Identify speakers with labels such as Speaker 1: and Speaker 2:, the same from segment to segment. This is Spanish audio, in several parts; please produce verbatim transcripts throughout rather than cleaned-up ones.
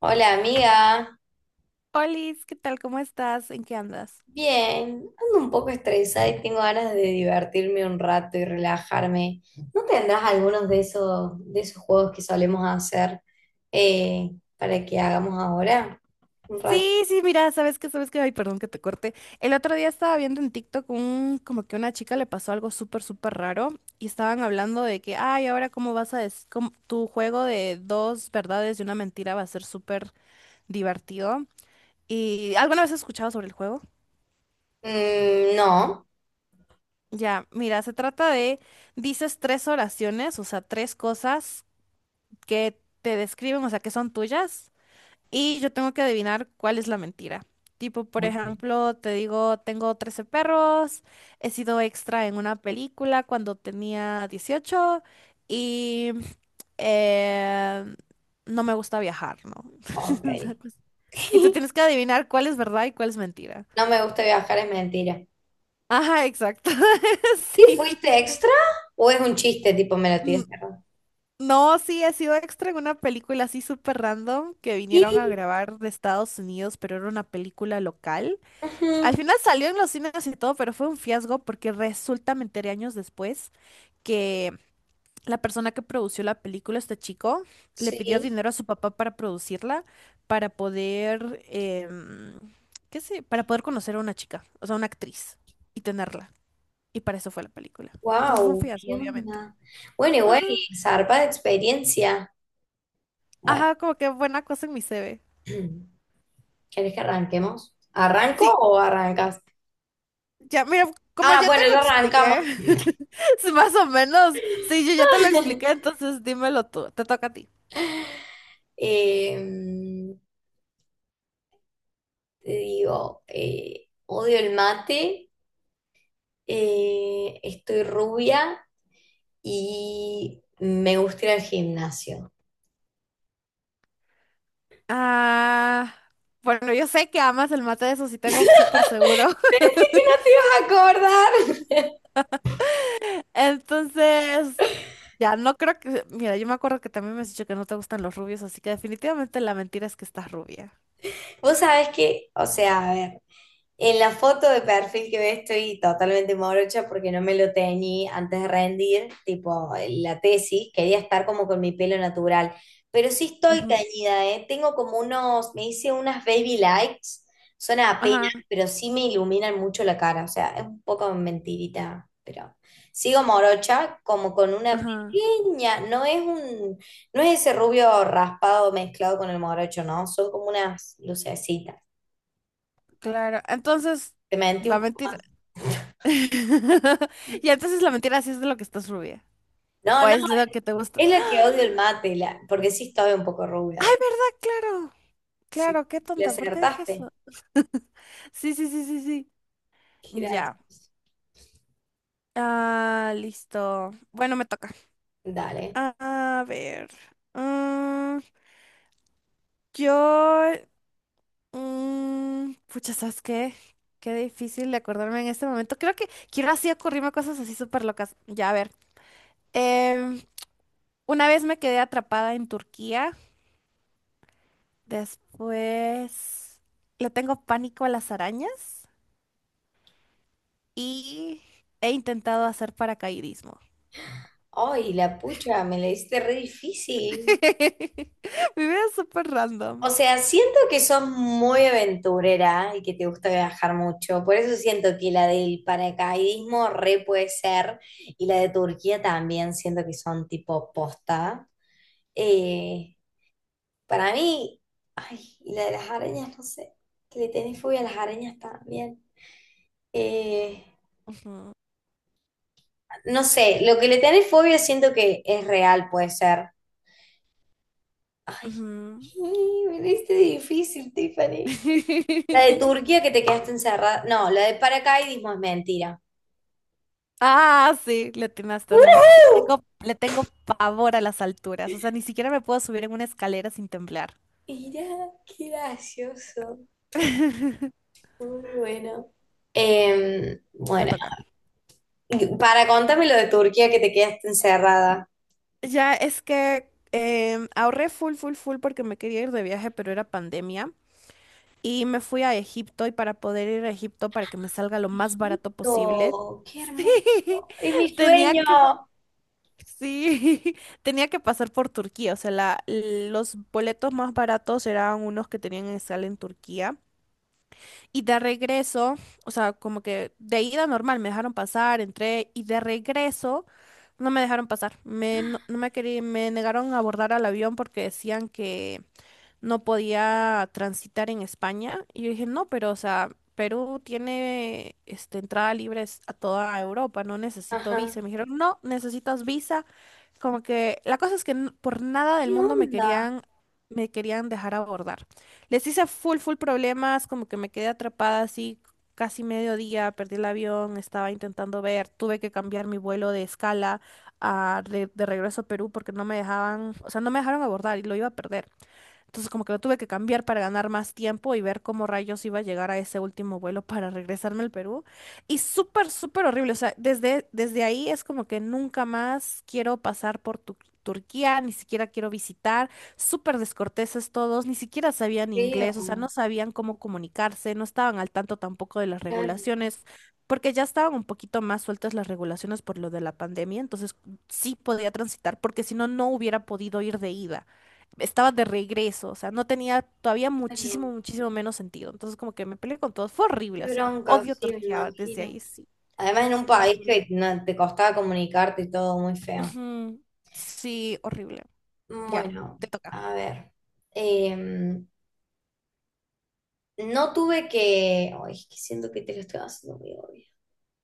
Speaker 1: Hola amiga,
Speaker 2: Olis, ¿qué tal? ¿Cómo estás? ¿En qué andas?
Speaker 1: bien, ando un poco estresada y tengo ganas de divertirme un rato y relajarme. ¿No tendrás algunos de esos, de esos juegos que solemos hacer eh, para que hagamos ahora? Un rato.
Speaker 2: Sí, sí, mira, sabes que, sabes que, ay, perdón que te corte. El otro día estaba viendo en TikTok un, como que una chica le pasó algo súper, súper raro y estaban hablando de que, ay, ahora cómo vas a, des- cómo- tu juego de dos verdades y una mentira va a ser súper divertido. ¿Y alguna vez has escuchado sobre el juego?
Speaker 1: Mm, no.
Speaker 2: Ya, mira, se trata de, dices tres oraciones, o sea, tres cosas que te describen, o sea, que son tuyas. Y yo tengo que adivinar cuál es la mentira. Tipo, por
Speaker 1: Ok.
Speaker 2: ejemplo, te digo, tengo trece perros, he sido extra en una película cuando tenía dieciocho y eh, no me gusta viajar, ¿no?
Speaker 1: Ok.
Speaker 2: Una cosa- Y tú tienes que adivinar cuál es verdad y cuál es mentira.
Speaker 1: No me gusta viajar, es mentira.
Speaker 2: Ajá, exacto.
Speaker 1: ¿Sí
Speaker 2: Sí.
Speaker 1: fuiste extra o es un chiste tipo me lo
Speaker 2: N-
Speaker 1: tiraste raro?
Speaker 2: No, sí, he sido extra en una película así súper random que
Speaker 1: ¿Qué?
Speaker 2: vinieron a grabar de Estados Unidos, pero era una película local. Al
Speaker 1: Ujú.
Speaker 2: final salió en los cines y todo, pero fue un fiasco porque resulta, me enteré años después, que la persona que produció la película, este chico, le pidió
Speaker 1: Sí.
Speaker 2: dinero a su papá para producirla, para poder, em, qué sé, para poder conocer a una chica, o sea, una actriz, y tenerla. Y para eso fue la película. Entonces fue un
Speaker 1: Wow,
Speaker 2: fiasco,
Speaker 1: ¿qué
Speaker 2: obviamente.
Speaker 1: onda? Bueno, igual,
Speaker 2: Ajá,
Speaker 1: zarpa de experiencia. Bueno,
Speaker 2: ajá, como que buena cosa en mi C V.
Speaker 1: ¿querés que arranquemos? ¿Arranco
Speaker 2: Sí,
Speaker 1: o arrancas?
Speaker 2: ya, mira, como
Speaker 1: Ah,
Speaker 2: ya te
Speaker 1: bueno,
Speaker 2: lo
Speaker 1: ya arrancamos.
Speaker 2: expliqué, sí, más o menos, sí, yo ya te lo expliqué, entonces dímelo tú, te toca a ti.
Speaker 1: Eh, Te digo, eh, odio el mate, eh, estoy rubia y me gusta ir al gimnasio.
Speaker 2: Ah, bueno, yo sé que amas el mate, eso sí tengo súper seguro.
Speaker 1: ¿Qué no te ibas a acordar?
Speaker 2: Entonces, ya no creo que... Mira, yo me acuerdo que también me has dicho que no te gustan los rubios, así que definitivamente la mentira es que estás rubia.
Speaker 1: Vos sabés que, o sea, a ver. En la foto de perfil que ves estoy totalmente morocha porque no me lo teñí antes de rendir, tipo la tesis, quería estar como con mi pelo natural, pero sí estoy
Speaker 2: Ujú.
Speaker 1: teñida, ¿eh? Tengo como unos, me hice unas baby lights, son apenas,
Speaker 2: Ajá,
Speaker 1: pero sí me iluminan mucho la cara, o sea, es un poco mentirita, pero sigo morocha como con una
Speaker 2: ajá,
Speaker 1: pequeña, no es un, no es ese rubio raspado mezclado con el morocho, ¿no? Son como unas lucecitas.
Speaker 2: claro. Entonces,
Speaker 1: Te mentí
Speaker 2: la
Speaker 1: un...
Speaker 2: mentira... Y entonces la mentira sí es de lo que estás rubia.
Speaker 1: No,
Speaker 2: O
Speaker 1: no,
Speaker 2: es de lo que te gusta.
Speaker 1: es la que odio el
Speaker 2: ¡Ah!
Speaker 1: mate, la- porque sí estaba un poco rubia.
Speaker 2: ¡Ay,
Speaker 1: De...
Speaker 2: verdad! Claro.
Speaker 1: Sí.
Speaker 2: Claro, qué
Speaker 1: ¿Le
Speaker 2: tonta. ¿Por qué dije
Speaker 1: acertaste?
Speaker 2: eso? Sí, sí, sí, sí, sí. Ya.
Speaker 1: Gracias.
Speaker 2: Ah, listo. Bueno, me toca.
Speaker 1: Dale.
Speaker 2: A ver. Mm, yo. Mm, pucha, ¿sabes qué? Qué difícil de acordarme en este momento. Creo que quiero así ocurrirme cosas así súper locas. Ya, a ver. Em, una vez me quedé atrapada en Turquía. Después le tengo pánico a las arañas y he intentado hacer paracaidismo.
Speaker 1: Ay, la pucha, me la hiciste re difícil.
Speaker 2: Mi vida es súper random.
Speaker 1: O sea, siento que sos muy aventurera y que te gusta viajar mucho. Por eso siento que la del paracaidismo re puede ser. Y la de Turquía también siento que son tipo posta. Eh, para mí, y la de las arañas, no sé. Que le tenés fobia a las arañas también. Eh,
Speaker 2: Ujú,
Speaker 1: no sé, lo que le tenés fobia siento que es real, puede ser. Ay,
Speaker 2: ujú.
Speaker 1: me diste difícil, Tiffany. La de Turquía que te quedaste encerrada. No, la de paracaidismo es mentira.
Speaker 2: Ah, sí, le atinaste, no, Le
Speaker 1: ¡Woohoo!
Speaker 2: tengo, le tengo pavor a las alturas. O sea, ni siquiera me puedo subir en una escalera sin temblar.
Speaker 1: Mirá, qué gracioso. Muy bueno. Em,
Speaker 2: Te
Speaker 1: bueno,
Speaker 2: toca.
Speaker 1: para contarme lo de Turquía que te quedaste encerrada.
Speaker 2: Ya es que em, ahorré full, full, full porque me quería ir de viaje, pero era pandemia. Y me fui a Egipto y para poder ir a Egipto para que me salga lo más barato posible,
Speaker 1: Egipto, qué
Speaker 2: sí,
Speaker 1: hermoso. Es mi
Speaker 2: tenía
Speaker 1: sueño.
Speaker 2: que, sí, tenía que pasar por Turquía. O sea, la- los boletos más baratos eran unos que tenían en sala en Turquía. Y de regreso, o sea, como que de ida normal, me dejaron pasar, entré y de regreso no me dejaron pasar. Me, no, no me querí- Me negaron a abordar al avión porque decían que no podía transitar en España. Y yo dije, no, pero, o sea, Perú tiene este, entrada libre a toda Europa, no necesito visa.
Speaker 1: Ajá.
Speaker 2: Y me dijeron, no, necesitas visa. Como que la cosa es que n- por nada del
Speaker 1: ¿Qué
Speaker 2: mundo me
Speaker 1: onda?
Speaker 2: querían, me querían dejar abordar. Les hice full, full problemas, como que me quedé atrapada así casi mediodía, perdí el avión, estaba intentando ver, tuve que cambiar mi vuelo de escala a re- de regreso a Perú porque no me dejaban, o sea, no me dejaron abordar y lo iba a perder. Entonces como que lo tuve que cambiar para ganar más tiempo y ver cómo rayos iba a llegar a ese último vuelo para regresarme al Perú. Y súper, súper horrible. O sea, desde, desde ahí es como que nunca más quiero pasar por Tu- Turquía, ni siquiera quiero visitar. Súper descorteses todos, ni siquiera sabían inglés, o sea,
Speaker 1: Feo.
Speaker 2: no sabían cómo comunicarse, no estaban al tanto tampoco de las
Speaker 1: Claro,
Speaker 2: regulaciones. Porque ya estaban un poquito más sueltas las regulaciones por lo de la pandemia, entonces sí podía transitar, porque si no, no hubiera podido ir de ida, estaba de regreso, o sea, no tenía todavía muchísimo,
Speaker 1: claro.
Speaker 2: muchísimo menos sentido. Entonces, como que me peleé con todos, fue
Speaker 1: Qué
Speaker 2: horrible, o sea,
Speaker 1: bronca,
Speaker 2: odio
Speaker 1: sí, me
Speaker 2: Turquía desde
Speaker 1: imagino.
Speaker 2: ahí, sí,
Speaker 1: Además, en un país
Speaker 2: horrible.
Speaker 1: que no- te costaba comunicarte y todo muy feo.
Speaker 2: Ujú, sí, horrible. Ya,
Speaker 1: Bueno,
Speaker 2: te toca.
Speaker 1: a ver. Em, no tuve que. Ay, es que siento que te lo estoy haciendo muy obvio.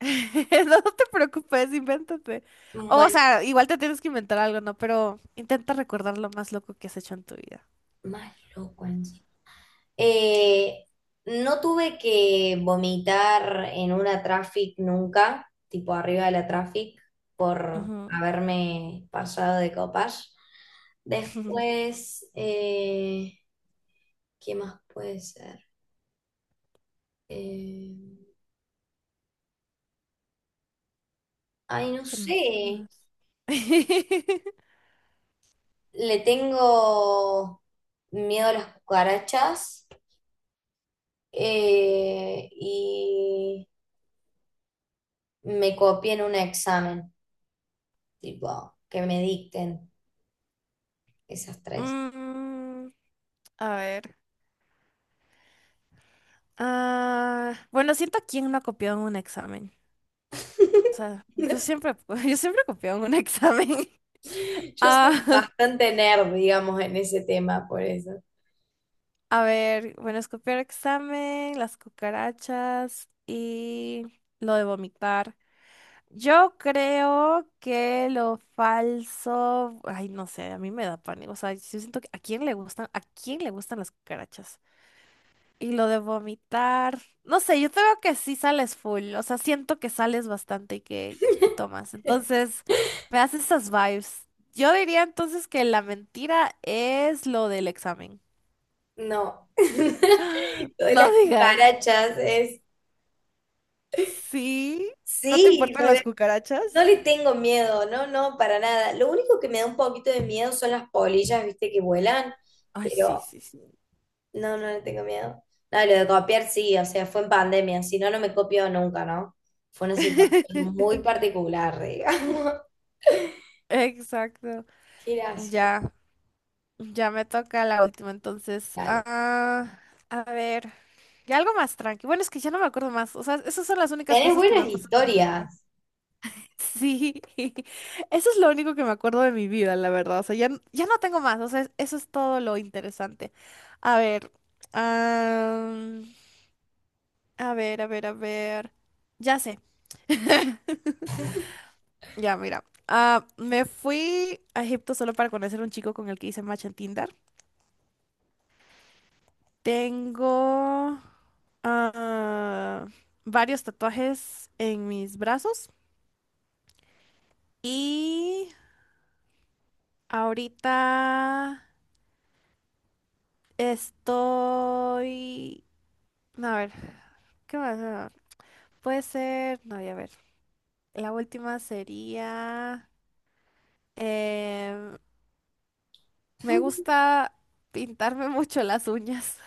Speaker 2: No te preocupes, invéntate. O
Speaker 1: Bueno,
Speaker 2: sea, igual te tienes que inventar algo, ¿no? Pero intenta recordar lo más loco que has hecho en tu vida.
Speaker 1: más loco en sí. Eh, no tuve que vomitar en una traffic nunca, tipo arriba de la traffic, por
Speaker 2: Ujú.
Speaker 1: haberme pasado de copas. Después, eh, ¿qué más puede ser? Eh, ay, no
Speaker 2: ¿Qué más? ¿Qué
Speaker 1: sé.
Speaker 2: más?
Speaker 1: Le tengo miedo a las cucarachas, eh, y me copié en un examen, tipo, que me dicten esas tres.
Speaker 2: Mm, a ver. Ah, bueno, siento quién no ha copiado en un examen. O sea, yo siempre, yo siempre copiaba en un examen.
Speaker 1: Yo soy
Speaker 2: Ah,
Speaker 1: bastante nerd, digamos, en ese tema, por eso.
Speaker 2: a ver, bueno, es copiar examen, las cucarachas y lo de vomitar. Yo creo que lo falso, ay, no sé, a mí me da pánico. O sea, yo siento que a quién le gustan, a quién le gustan las cucarachas. Y lo de vomitar. No sé, yo te veo que sí sales full. O sea, siento que sales bastante y que, que tomas. Entonces, me das esas vibes. Yo diría entonces que la mentira es lo del examen.
Speaker 1: No. Lo de
Speaker 2: No
Speaker 1: las
Speaker 2: digas.
Speaker 1: cucarachas es...
Speaker 2: Sí, ¿no te
Speaker 1: Sí, lo
Speaker 2: importan las
Speaker 1: de no
Speaker 2: cucarachas?
Speaker 1: le tengo miedo, no, no, para nada. Lo único que me da un poquito de miedo son las polillas, viste, que vuelan,
Speaker 2: Ay, sí,
Speaker 1: pero
Speaker 2: sí, sí.
Speaker 1: no, no le tengo miedo. No, lo de copiar sí, o sea, fue en pandemia, si no, no me copió nunca, ¿no? Fue una situación muy particular, digamos.
Speaker 2: Exacto.
Speaker 1: Qué gracioso.
Speaker 2: Ya, ya me toca la última entonces.
Speaker 1: Dale.
Speaker 2: Ah, a ver, ya algo más tranqui. Bueno, es que ya no me acuerdo más. O sea, esas son las únicas
Speaker 1: Tenés
Speaker 2: cosas que me
Speaker 1: buenas
Speaker 2: han pasado en mi vida.
Speaker 1: historias.
Speaker 2: Sí, eso es lo único que me acuerdo de mi vida, la verdad. O sea, ya, n- ya no tengo más. O sea, es- eso es todo lo interesante. A ver, am, a ver, a ver, a ver. Ya sé. Ya, mira. Ah, me fui a Egipto solo para conocer un chico con el que hice match en Tinder. Tengo ah, varios tatuajes en mis brazos y ahorita... Estoy... A ver, ¿qué más? Ah, puede ser... No, ya a ver. La última sería... em, me gusta pintarme mucho las uñas.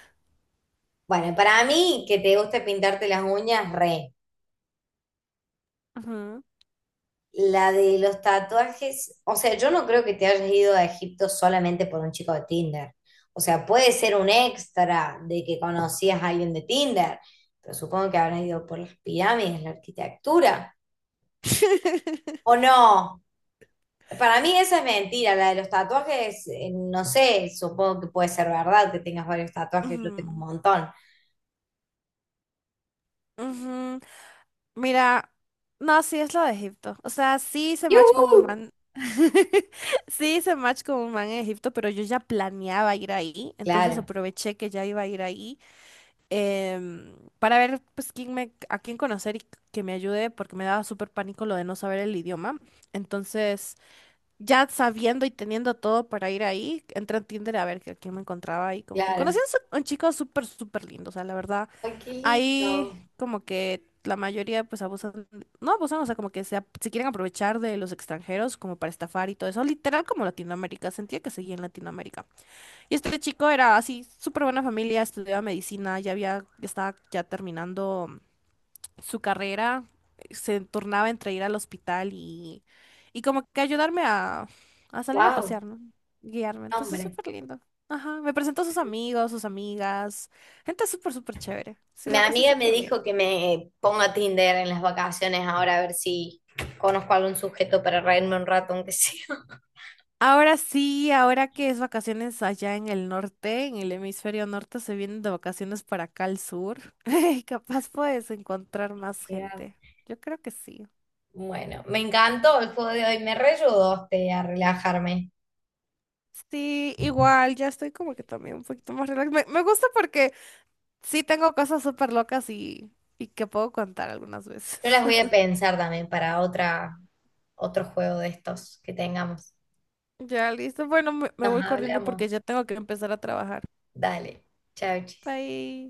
Speaker 1: Bueno, para mí, que te guste pintarte las uñas, re.
Speaker 2: Ujú.
Speaker 1: La de los tatuajes, o sea, yo no creo que te hayas ido a Egipto solamente por un chico de Tinder. O sea, puede ser un extra de que conocías a alguien de Tinder, pero supongo que habrán ido por las pirámides, la arquitectura. O no. Para mí esa es mentira, la de los tatuajes, eh, no sé, supongo que puede ser verdad que tengas varios tatuajes, yo tengo un
Speaker 2: Ujú,
Speaker 1: montón.
Speaker 2: ujú. Mira, no, sí es lo de Egipto. O sea, sí se match con
Speaker 1: ¡Yujú!
Speaker 2: un man. Sí hice match con un man en Egipto, pero yo ya planeaba ir ahí. Entonces
Speaker 1: Claro,
Speaker 2: aproveché que ya iba a ir ahí, em, para ver pues quién me, a quién conocer y que me ayude, porque me daba súper pánico lo de no saber el idioma. Entonces, ya sabiendo y teniendo todo para ir ahí, entré a Tinder a ver que, a quién me encontraba y como que
Speaker 1: claro.
Speaker 2: conocí a un, su- un chico súper, súper lindo. O sea, la verdad,
Speaker 1: Ay, qué
Speaker 2: ahí
Speaker 1: lindo.
Speaker 2: como que la mayoría pues abusan, no abusan, o sea, como que se, ap- se quieren aprovechar de los extranjeros como para estafar y todo eso. Literal como Latinoamérica, sentía que seguía en Latinoamérica. Y este chico era así, súper buena familia, estudiaba medicina, ya había, ya estaba ya terminando su carrera, se tornaba entre ir al hospital y, y como que ayudarme a, a salir a
Speaker 1: Wow,
Speaker 2: pasear, ¿no? Guiarme. Entonces,
Speaker 1: hombre.
Speaker 2: súper lindo. Ajá, me presentó a sus amigos, sus amigas, gente súper, súper chévere. Sí,
Speaker 1: Mi
Speaker 2: la pasé
Speaker 1: amiga me
Speaker 2: súper bien.
Speaker 1: dijo que me ponga Tinder en las vacaciones ahora a ver si conozco algún sujeto para reírme un rato, aunque sea.
Speaker 2: Ahora sí, ahora que es vacaciones allá en el norte, en el hemisferio norte, se vienen de vacaciones para acá al sur. Y capaz puedes encontrar más
Speaker 1: Ya.
Speaker 2: gente. Yo creo que sí.
Speaker 1: Bueno, me encantó el juego de hoy, me reayudó usted a relajarme.
Speaker 2: Sí, igual, ya estoy como que también un poquito más relax. Me, me gusta porque sí tengo cosas súper locas y, y que puedo contar algunas
Speaker 1: Yo
Speaker 2: veces.
Speaker 1: las voy a pensar también para otra, otro juego de estos que tengamos.
Speaker 2: Ya, listo. Bueno, me me
Speaker 1: Nos
Speaker 2: voy corriendo
Speaker 1: hablamos.
Speaker 2: porque ya tengo que empezar a trabajar.
Speaker 1: Dale. Chau, chis.
Speaker 2: Bye.